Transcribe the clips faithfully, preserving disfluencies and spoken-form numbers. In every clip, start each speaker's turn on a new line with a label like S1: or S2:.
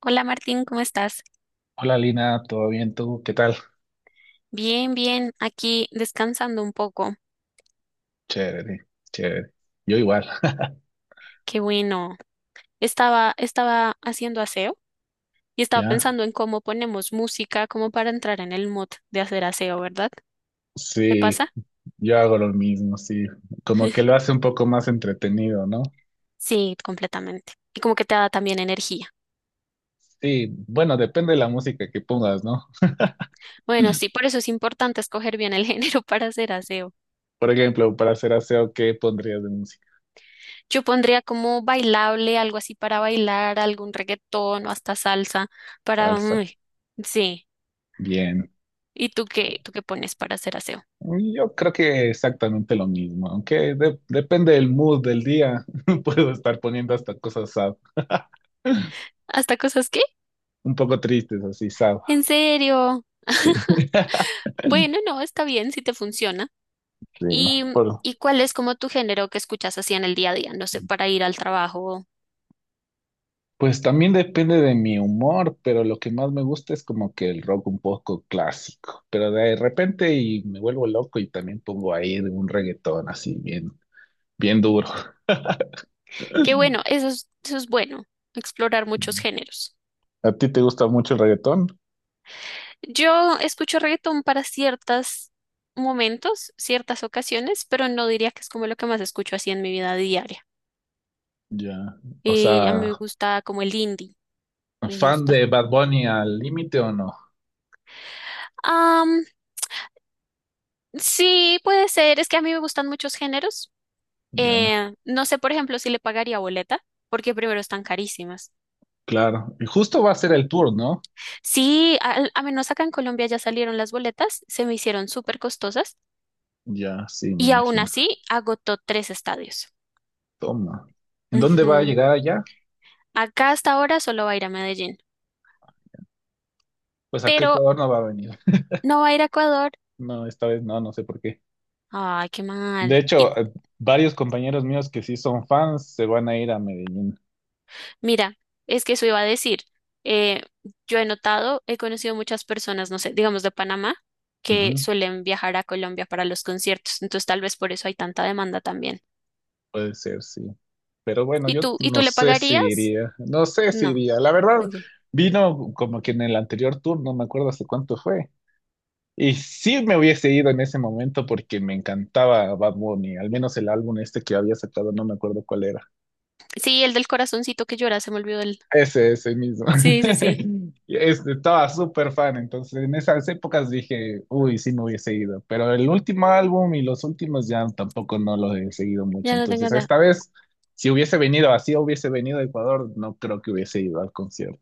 S1: Hola Martín, ¿cómo estás?
S2: Hola Lina, ¿todo bien tú? ¿Qué tal?
S1: Bien, bien, aquí descansando un poco.
S2: Chévere, chévere. Yo igual.
S1: Qué bueno. Estaba, estaba haciendo aseo y estaba
S2: ¿Ya?
S1: pensando en cómo ponemos música como para entrar en el mood de hacer aseo, ¿verdad? ¿Te
S2: Sí,
S1: pasa?
S2: yo hago lo mismo, sí. Como que lo hace un poco más entretenido, ¿no?
S1: Sí, completamente. Y como que te da también energía.
S2: Sí, bueno, depende de la música que pongas, ¿no?
S1: Bueno, sí, por eso es importante escoger bien el género para hacer aseo.
S2: Por ejemplo, para hacer aseo, ¿qué pondrías de música?
S1: Yo pondría como bailable, algo así para bailar, algún reggaetón o hasta salsa para...
S2: Salsa.
S1: uy, sí.
S2: Bien.
S1: ¿Y tú qué, tú qué pones para hacer aseo?
S2: Yo creo que exactamente lo mismo, aunque de- depende del mood del día. Puedo estar poniendo hasta cosas sad,
S1: ¿Hasta cosas qué?
S2: un poco tristes, así sad.
S1: ¿En serio?
S2: Sí,
S1: Bueno, no, está bien si te funciona.
S2: sí,
S1: ¿Y,
S2: por,
S1: y cuál es como tu género que escuchas así en el día a día? No sé, para ir al trabajo.
S2: pues también depende de mi humor, pero lo que más me gusta es como que el rock un poco clásico. Pero de repente y me vuelvo loco y también pongo ahí un reggaetón así bien, bien duro.
S1: Qué bueno, eso es, eso es bueno, explorar muchos géneros.
S2: ¿A ti te gusta mucho el reggaetón?
S1: Yo escucho reggaetón para ciertos momentos, ciertas ocasiones, pero no diría que es como lo que más escucho así en mi vida diaria.
S2: Ya. O
S1: Eh, a mí me
S2: sea,
S1: gusta como el indie, me
S2: ¿fan
S1: gusta.
S2: de Bad Bunny al límite o no?
S1: Am, sí, puede ser, es que a mí me gustan muchos géneros.
S2: Ya.
S1: Eh, no sé, por ejemplo, si le pagaría boleta, porque primero están carísimas.
S2: Claro. Y justo va a ser el tour, ¿no?
S1: Sí, al- a, menos acá en Colombia ya salieron las boletas, se me hicieron súper costosas
S2: Ya, sí, me
S1: y aún
S2: imagino.
S1: así agotó tres estadios.
S2: Toma. ¿En dónde va a
S1: Ujú.
S2: llegar allá?
S1: Acá hasta ahora solo va a ir a Medellín,
S2: Pues acá a
S1: pero
S2: Ecuador no va a venir.
S1: no va a ir a Ecuador.
S2: No, esta vez no, no sé por qué.
S1: Ay, qué
S2: De
S1: mal.
S2: hecho,
S1: Y
S2: eh, varios compañeros míos que sí son fans se van a ir a Medellín.
S1: mira, es que eso iba a decir. eh, yo he notado, he conocido muchas personas, no sé, digamos de Panamá, que
S2: Ujú,
S1: suelen viajar a Colombia para los conciertos, entonces tal vez por eso hay tanta demanda también.
S2: puede ser, sí. Pero bueno,
S1: ¿Y
S2: yo
S1: tú, y tú
S2: no
S1: le
S2: sé si
S1: pagarías?
S2: iría. No sé si
S1: No.
S2: iría. La verdad,
S1: Ok.
S2: vino como que en el anterior tour, no me acuerdo hace cuánto fue. Y sí me hubiese ido en ese momento porque me encantaba Bad Bunny, al menos el álbum este que había sacado, no me acuerdo cuál era.
S1: Sí, el del corazoncito que llora, se me olvidó el.
S2: Ese, ese mismo.
S1: Sí, sí, sí.
S2: Y Este, estaba súper fan, entonces en esas épocas dije, uy, sí me hubiese ido, pero el último álbum y los últimos ya tampoco no los he seguido mucho,
S1: Ya no tengo
S2: entonces
S1: nada.
S2: esta vez, si hubiese venido así, hubiese venido a Ecuador, no creo que hubiese ido al concierto.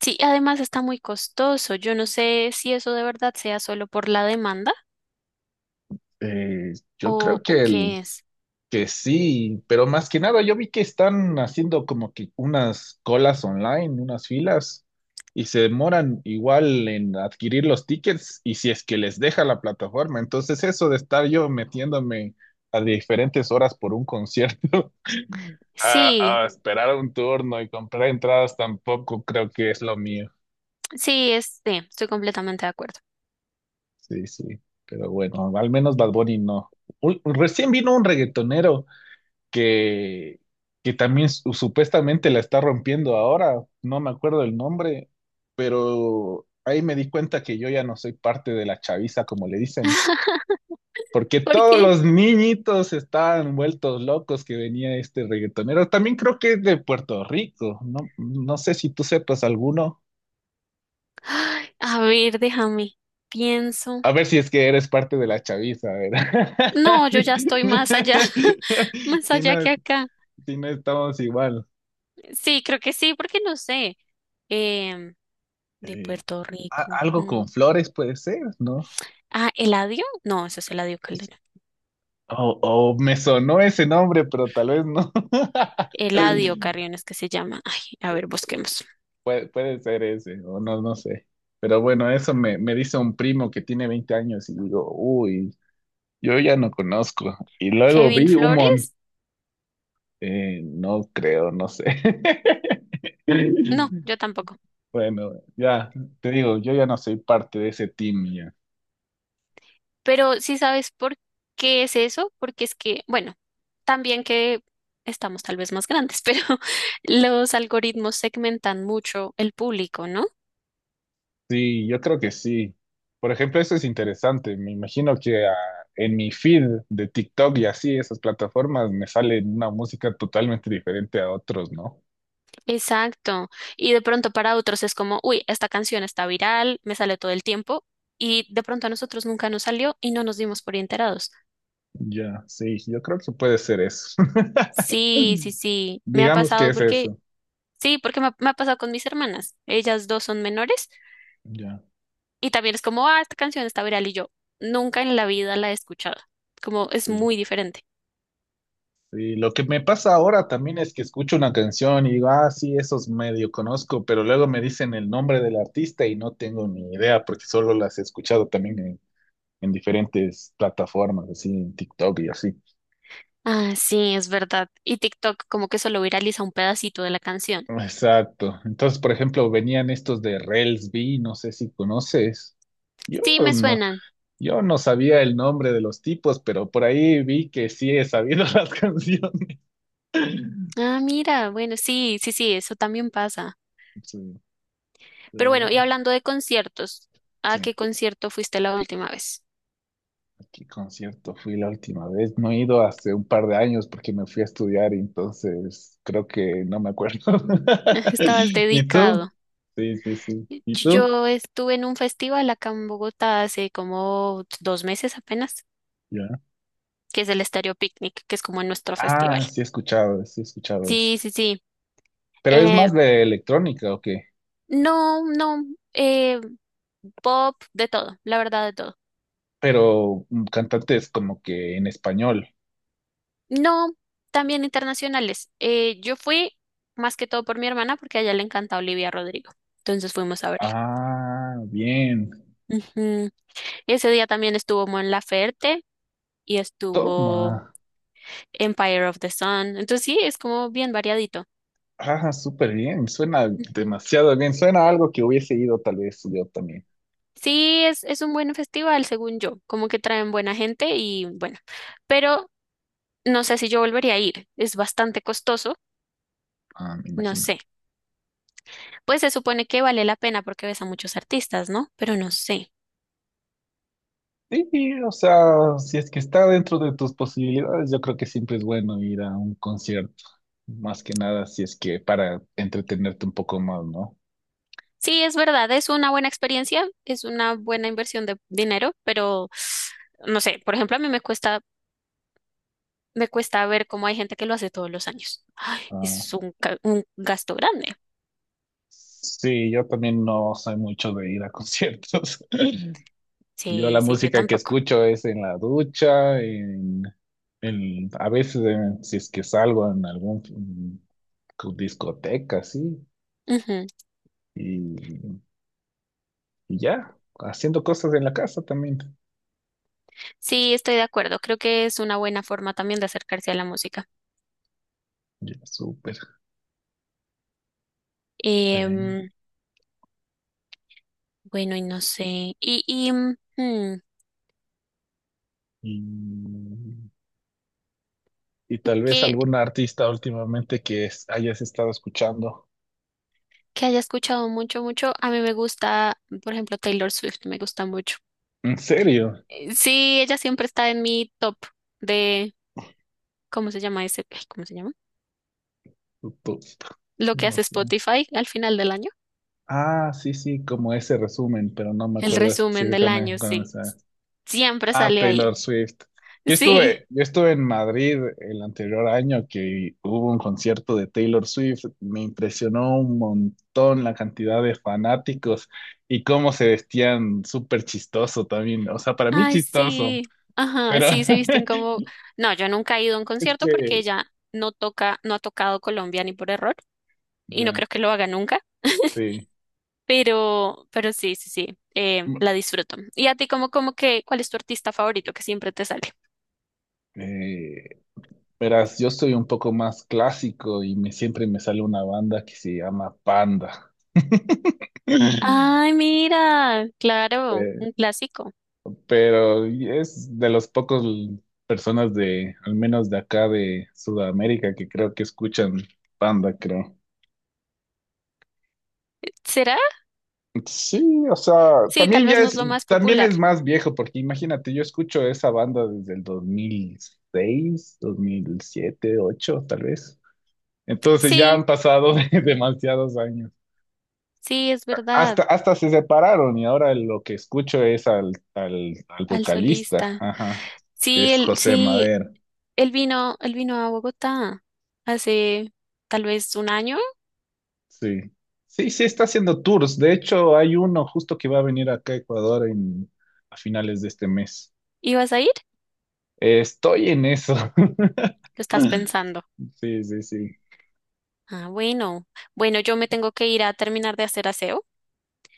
S1: Sí, además está muy costoso. Yo no sé si eso de verdad sea solo por la demanda
S2: Eh, yo
S1: o,
S2: creo
S1: o
S2: que el,
S1: qué es.
S2: que sí, pero más que nada yo vi que están haciendo como que unas colas online, unas filas, y se demoran igual en adquirir los tickets y si es que les deja la plataforma. Entonces eso de estar yo metiéndome a diferentes horas por un concierto, a,
S1: Sí,
S2: a esperar un turno y comprar entradas tampoco creo que es lo mío.
S1: sí, es, sí, estoy completamente de acuerdo.
S2: Sí, sí, pero bueno, al menos Bad Bunny no. Un- recién vino un reggaetonero que, que también su- supuestamente la está rompiendo ahora, no me acuerdo el nombre, pero ahí me di cuenta que yo ya no soy parte de la chaviza, como le dicen, porque
S1: ¿Por
S2: todos
S1: qué?
S2: los niñitos estaban vueltos locos que venía este reggaetonero. También creo que es de Puerto Rico, no, no sé si tú sepas alguno.
S1: Ay, a ver, déjame. Pienso.
S2: A ver si es que eres parte de la chaviza, ¿verdad?
S1: No, yo
S2: Si,
S1: ya estoy más allá, más
S2: si
S1: allá
S2: no,
S1: que acá.
S2: si no estamos igual.
S1: Sí, creo que sí, porque no sé. Em, de
S2: Eh,
S1: Puerto
S2: a-
S1: Rico.
S2: algo
S1: Mm.
S2: con flores puede ser, ¿no?
S1: Ah, Eladio. No, eso es Eladio Calderón.
S2: O, o me sonó ese nombre, pero tal vez no.
S1: Eladio Carrión es que se llama. Ay, a ver, busquemos.
S2: Puede, puede ser ese, o no, no sé. Pero bueno, eso me, me dice un primo que tiene veinte años y digo, uy, yo ya no conozco. Y luego
S1: Kevin
S2: vi un montón,
S1: Flores.
S2: no creo, no sé.
S1: No, yo tampoco.
S2: Bueno, ya, te digo, yo ya no soy parte de ese team.
S1: Pero sí sabes por qué es eso, porque es que, bueno, también que estamos tal vez más grandes, pero los algoritmos segmentan mucho el público, ¿no?
S2: Sí, yo creo que sí. Por ejemplo, eso es interesante. Me imagino que ah, en mi feed de TikTok y así, esas plataformas, me sale una música totalmente diferente a otros, ¿no?
S1: Exacto. Y de pronto para otros es como, uy, esta canción está viral, me sale todo el tiempo. Y de pronto a nosotros nunca nos salió y no nos dimos por enterados.
S2: Ya, sí, yo creo que puede ser eso.
S1: Sí, sí, sí. Me ha
S2: Digamos que
S1: pasado
S2: es
S1: porque,
S2: eso.
S1: sí, porque me ha, me ha pasado con mis hermanas. Ellas dos son menores
S2: Ya,
S1: y también es como, ah, esta canción está viral y yo nunca en la vida la he escuchado. Como es
S2: sí.
S1: muy diferente.
S2: Sí, lo que me pasa ahora también es que escucho una canción y digo, ah, sí, esos medio conozco, pero luego me dicen el nombre del artista y no tengo ni idea porque solo las he escuchado también en diferentes plataformas, así en TikTok y así.
S1: Ah, sí, es verdad. Y TikTok como que solo viraliza un pedacito de la canción.
S2: Exacto. Entonces, por ejemplo, venían estos de Relsby, no sé si conoces. Yo
S1: Sí, me
S2: no,
S1: suenan.
S2: yo no sabía el nombre de los tipos, pero por ahí vi que sí he sabido las canciones.
S1: Ah, mira, bueno, sí, sí, sí, eso también pasa.
S2: Sí,
S1: Pero
S2: pero
S1: bueno, y
S2: bueno,
S1: hablando de conciertos,
S2: sí,
S1: ¿a
S2: a
S1: qué concierto fuiste la última vez?
S2: qué concierto fui la última vez. No he ido hace un par de años porque me fui a estudiar y entonces creo que no me acuerdo.
S1: Estabas
S2: ¿Y tú?
S1: dedicado.
S2: Sí, sí, sí. ¿Y tú?
S1: Yo estuve en un festival acá en Bogotá hace como dos meses apenas,
S2: Ya.
S1: que es el Estéreo Picnic, que es como nuestro festival.
S2: Ah, sí he escuchado, sí he escuchado ese.
S1: Sí, sí, sí.
S2: Pero es
S1: Eh,
S2: más de electrónica, ¿o qué?
S1: no, no, eh, pop, de todo, la verdad de todo.
S2: Pero mm, cantantes como que en español.
S1: No, también internacionales. Eh, yo fui más que todo por mi hermana porque a ella le encanta Olivia Rodrigo. Entonces fuimos a verla.
S2: Ah, bien.
S1: Ujú. Ese día también estuvo Mon Laferte y estuvo
S2: Toma.
S1: Empire of the Sun. Entonces sí, es como bien variadito.
S2: Ah, súper bien. Suena
S1: Ujú.
S2: demasiado bien. Suena a algo que hubiese ido tal vez yo también.
S1: Sí, es, es un buen festival, según yo, como que traen buena gente y bueno, pero no sé si yo volvería a ir, es bastante costoso,
S2: Ah, me
S1: no
S2: imagino.
S1: sé. Pues se supone que vale la pena porque ves a muchos artistas, ¿no? Pero no sé.
S2: Sí, sí, o sea, si es que está dentro de tus posibilidades, yo creo que siempre es bueno ir a un concierto. Más que nada, si es que para entretenerte un poco más, ¿no?
S1: Sí, es verdad, es una buena experiencia, es una buena inversión de dinero, pero no sé, por ejemplo, a mí me cuesta me cuesta ver cómo hay gente que lo hace todos los años. Ay,
S2: Ah,
S1: es un, ca- un gasto grande.
S2: sí, yo también no soy mucho de ir a conciertos. Yo
S1: Sí,
S2: la
S1: sí, yo
S2: música que
S1: tampoco.
S2: escucho es en la ducha, en, en- a veces en- si es que salgo en algún mm, pues, discoteca, sí,
S1: Ujú.
S2: y, y ya, haciendo cosas en la casa también.
S1: Sí, estoy de acuerdo. Creo que es una buena forma también de acercarse a la música.
S2: Ya, súper. Sí.
S1: Em, bueno, y no sé. Y, y mm, hmm,
S2: Y, y tal vez
S1: que,
S2: algún artista últimamente que es- hayas estado escuchando.
S1: que haya escuchado mucho, mucho. A mí me gusta, por ejemplo, Taylor Swift, me gusta mucho.
S2: ¿En serio?
S1: Eh, Sí, ella siempre está en mi top de, ¿cómo se llama ese? Ay, ¿cómo se llama?
S2: Tú-
S1: Lo que
S2: No
S1: hace
S2: sé.
S1: Spotify al final del año.
S2: Ah, sí, sí, como ese resumen, pero no me
S1: El
S2: acuerdo
S1: resumen del
S2: específicamente
S1: año,
S2: cuándo me
S1: sí.
S2: sale.
S1: Siempre
S2: Ah,
S1: sale
S2: Taylor
S1: ahí.
S2: Swift. Yo
S1: Sí.
S2: estuve, yo estuve en Madrid el anterior año que hubo un concierto de Taylor Swift. Me impresionó un montón la cantidad de fanáticos y cómo se vestían súper chistoso también. O sea, para mí
S1: Ay,
S2: chistoso,
S1: sí. Ajá,
S2: pero
S1: sí, se visten como... No, yo nunca he ido a un
S2: es
S1: concierto porque
S2: que
S1: ella no toca, no ha tocado Colombia ni por error y no
S2: ya,
S1: creo que lo haga nunca,
S2: sí.
S1: pero, pero sí, sí, sí, eh,
S2: Mm,
S1: la disfruto. ¿Y a ti como, como que, cuál es tu artista favorito que siempre te sale?
S2: Eh, verás, yo soy un poco más clásico y me, siempre me sale una banda que se llama Panda.
S1: Ay, mira, claro,
S2: Eh,
S1: un clásico.
S2: pero es de los pocos l- personas de, al menos de acá de Sudamérica, que creo que escuchan Panda, creo.
S1: ¿Será?
S2: Sí, o sea,
S1: Sí,
S2: también
S1: tal vez
S2: ya
S1: no es
S2: es,
S1: lo más
S2: también
S1: popular.
S2: es más viejo, porque imagínate, yo escucho esa banda desde el dos mil seis, dos mil siete, ocho, tal vez. Entonces ya han
S1: Sí,
S2: pasado demasiados años.
S1: sí, es verdad,
S2: Hasta, hasta se separaron y ahora lo que escucho es al, al, al
S1: al
S2: vocalista,
S1: solista.
S2: ajá, que
S1: Sí,
S2: es
S1: el,
S2: José
S1: sí,
S2: Madero,
S1: Él vino, él vino a Bogotá hace tal vez un año.
S2: sí. Sí, sí, está haciendo tours. De hecho, hay uno justo que va a venir acá a Ecuador en, a finales de este mes.
S1: ¿Ibas a ir?
S2: Eh, estoy en eso.
S1: ¿Lo estás pensando?
S2: Sí, sí, sí.
S1: Ah, bueno. Bueno, yo me tengo que ir a terminar de hacer aseo,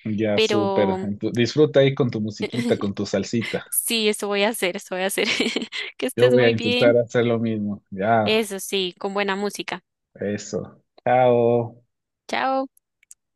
S2: Ya, súper.
S1: pero
S2: Entu- Disfruta ahí con tu musiquita, con tu salsita.
S1: sí, eso voy a hacer, eso voy a hacer. Que
S2: Yo
S1: estés
S2: voy a
S1: muy
S2: intentar
S1: bien.
S2: hacer lo mismo. Ya,
S1: Eso sí, con buena música.
S2: eso. Chao.
S1: Chao.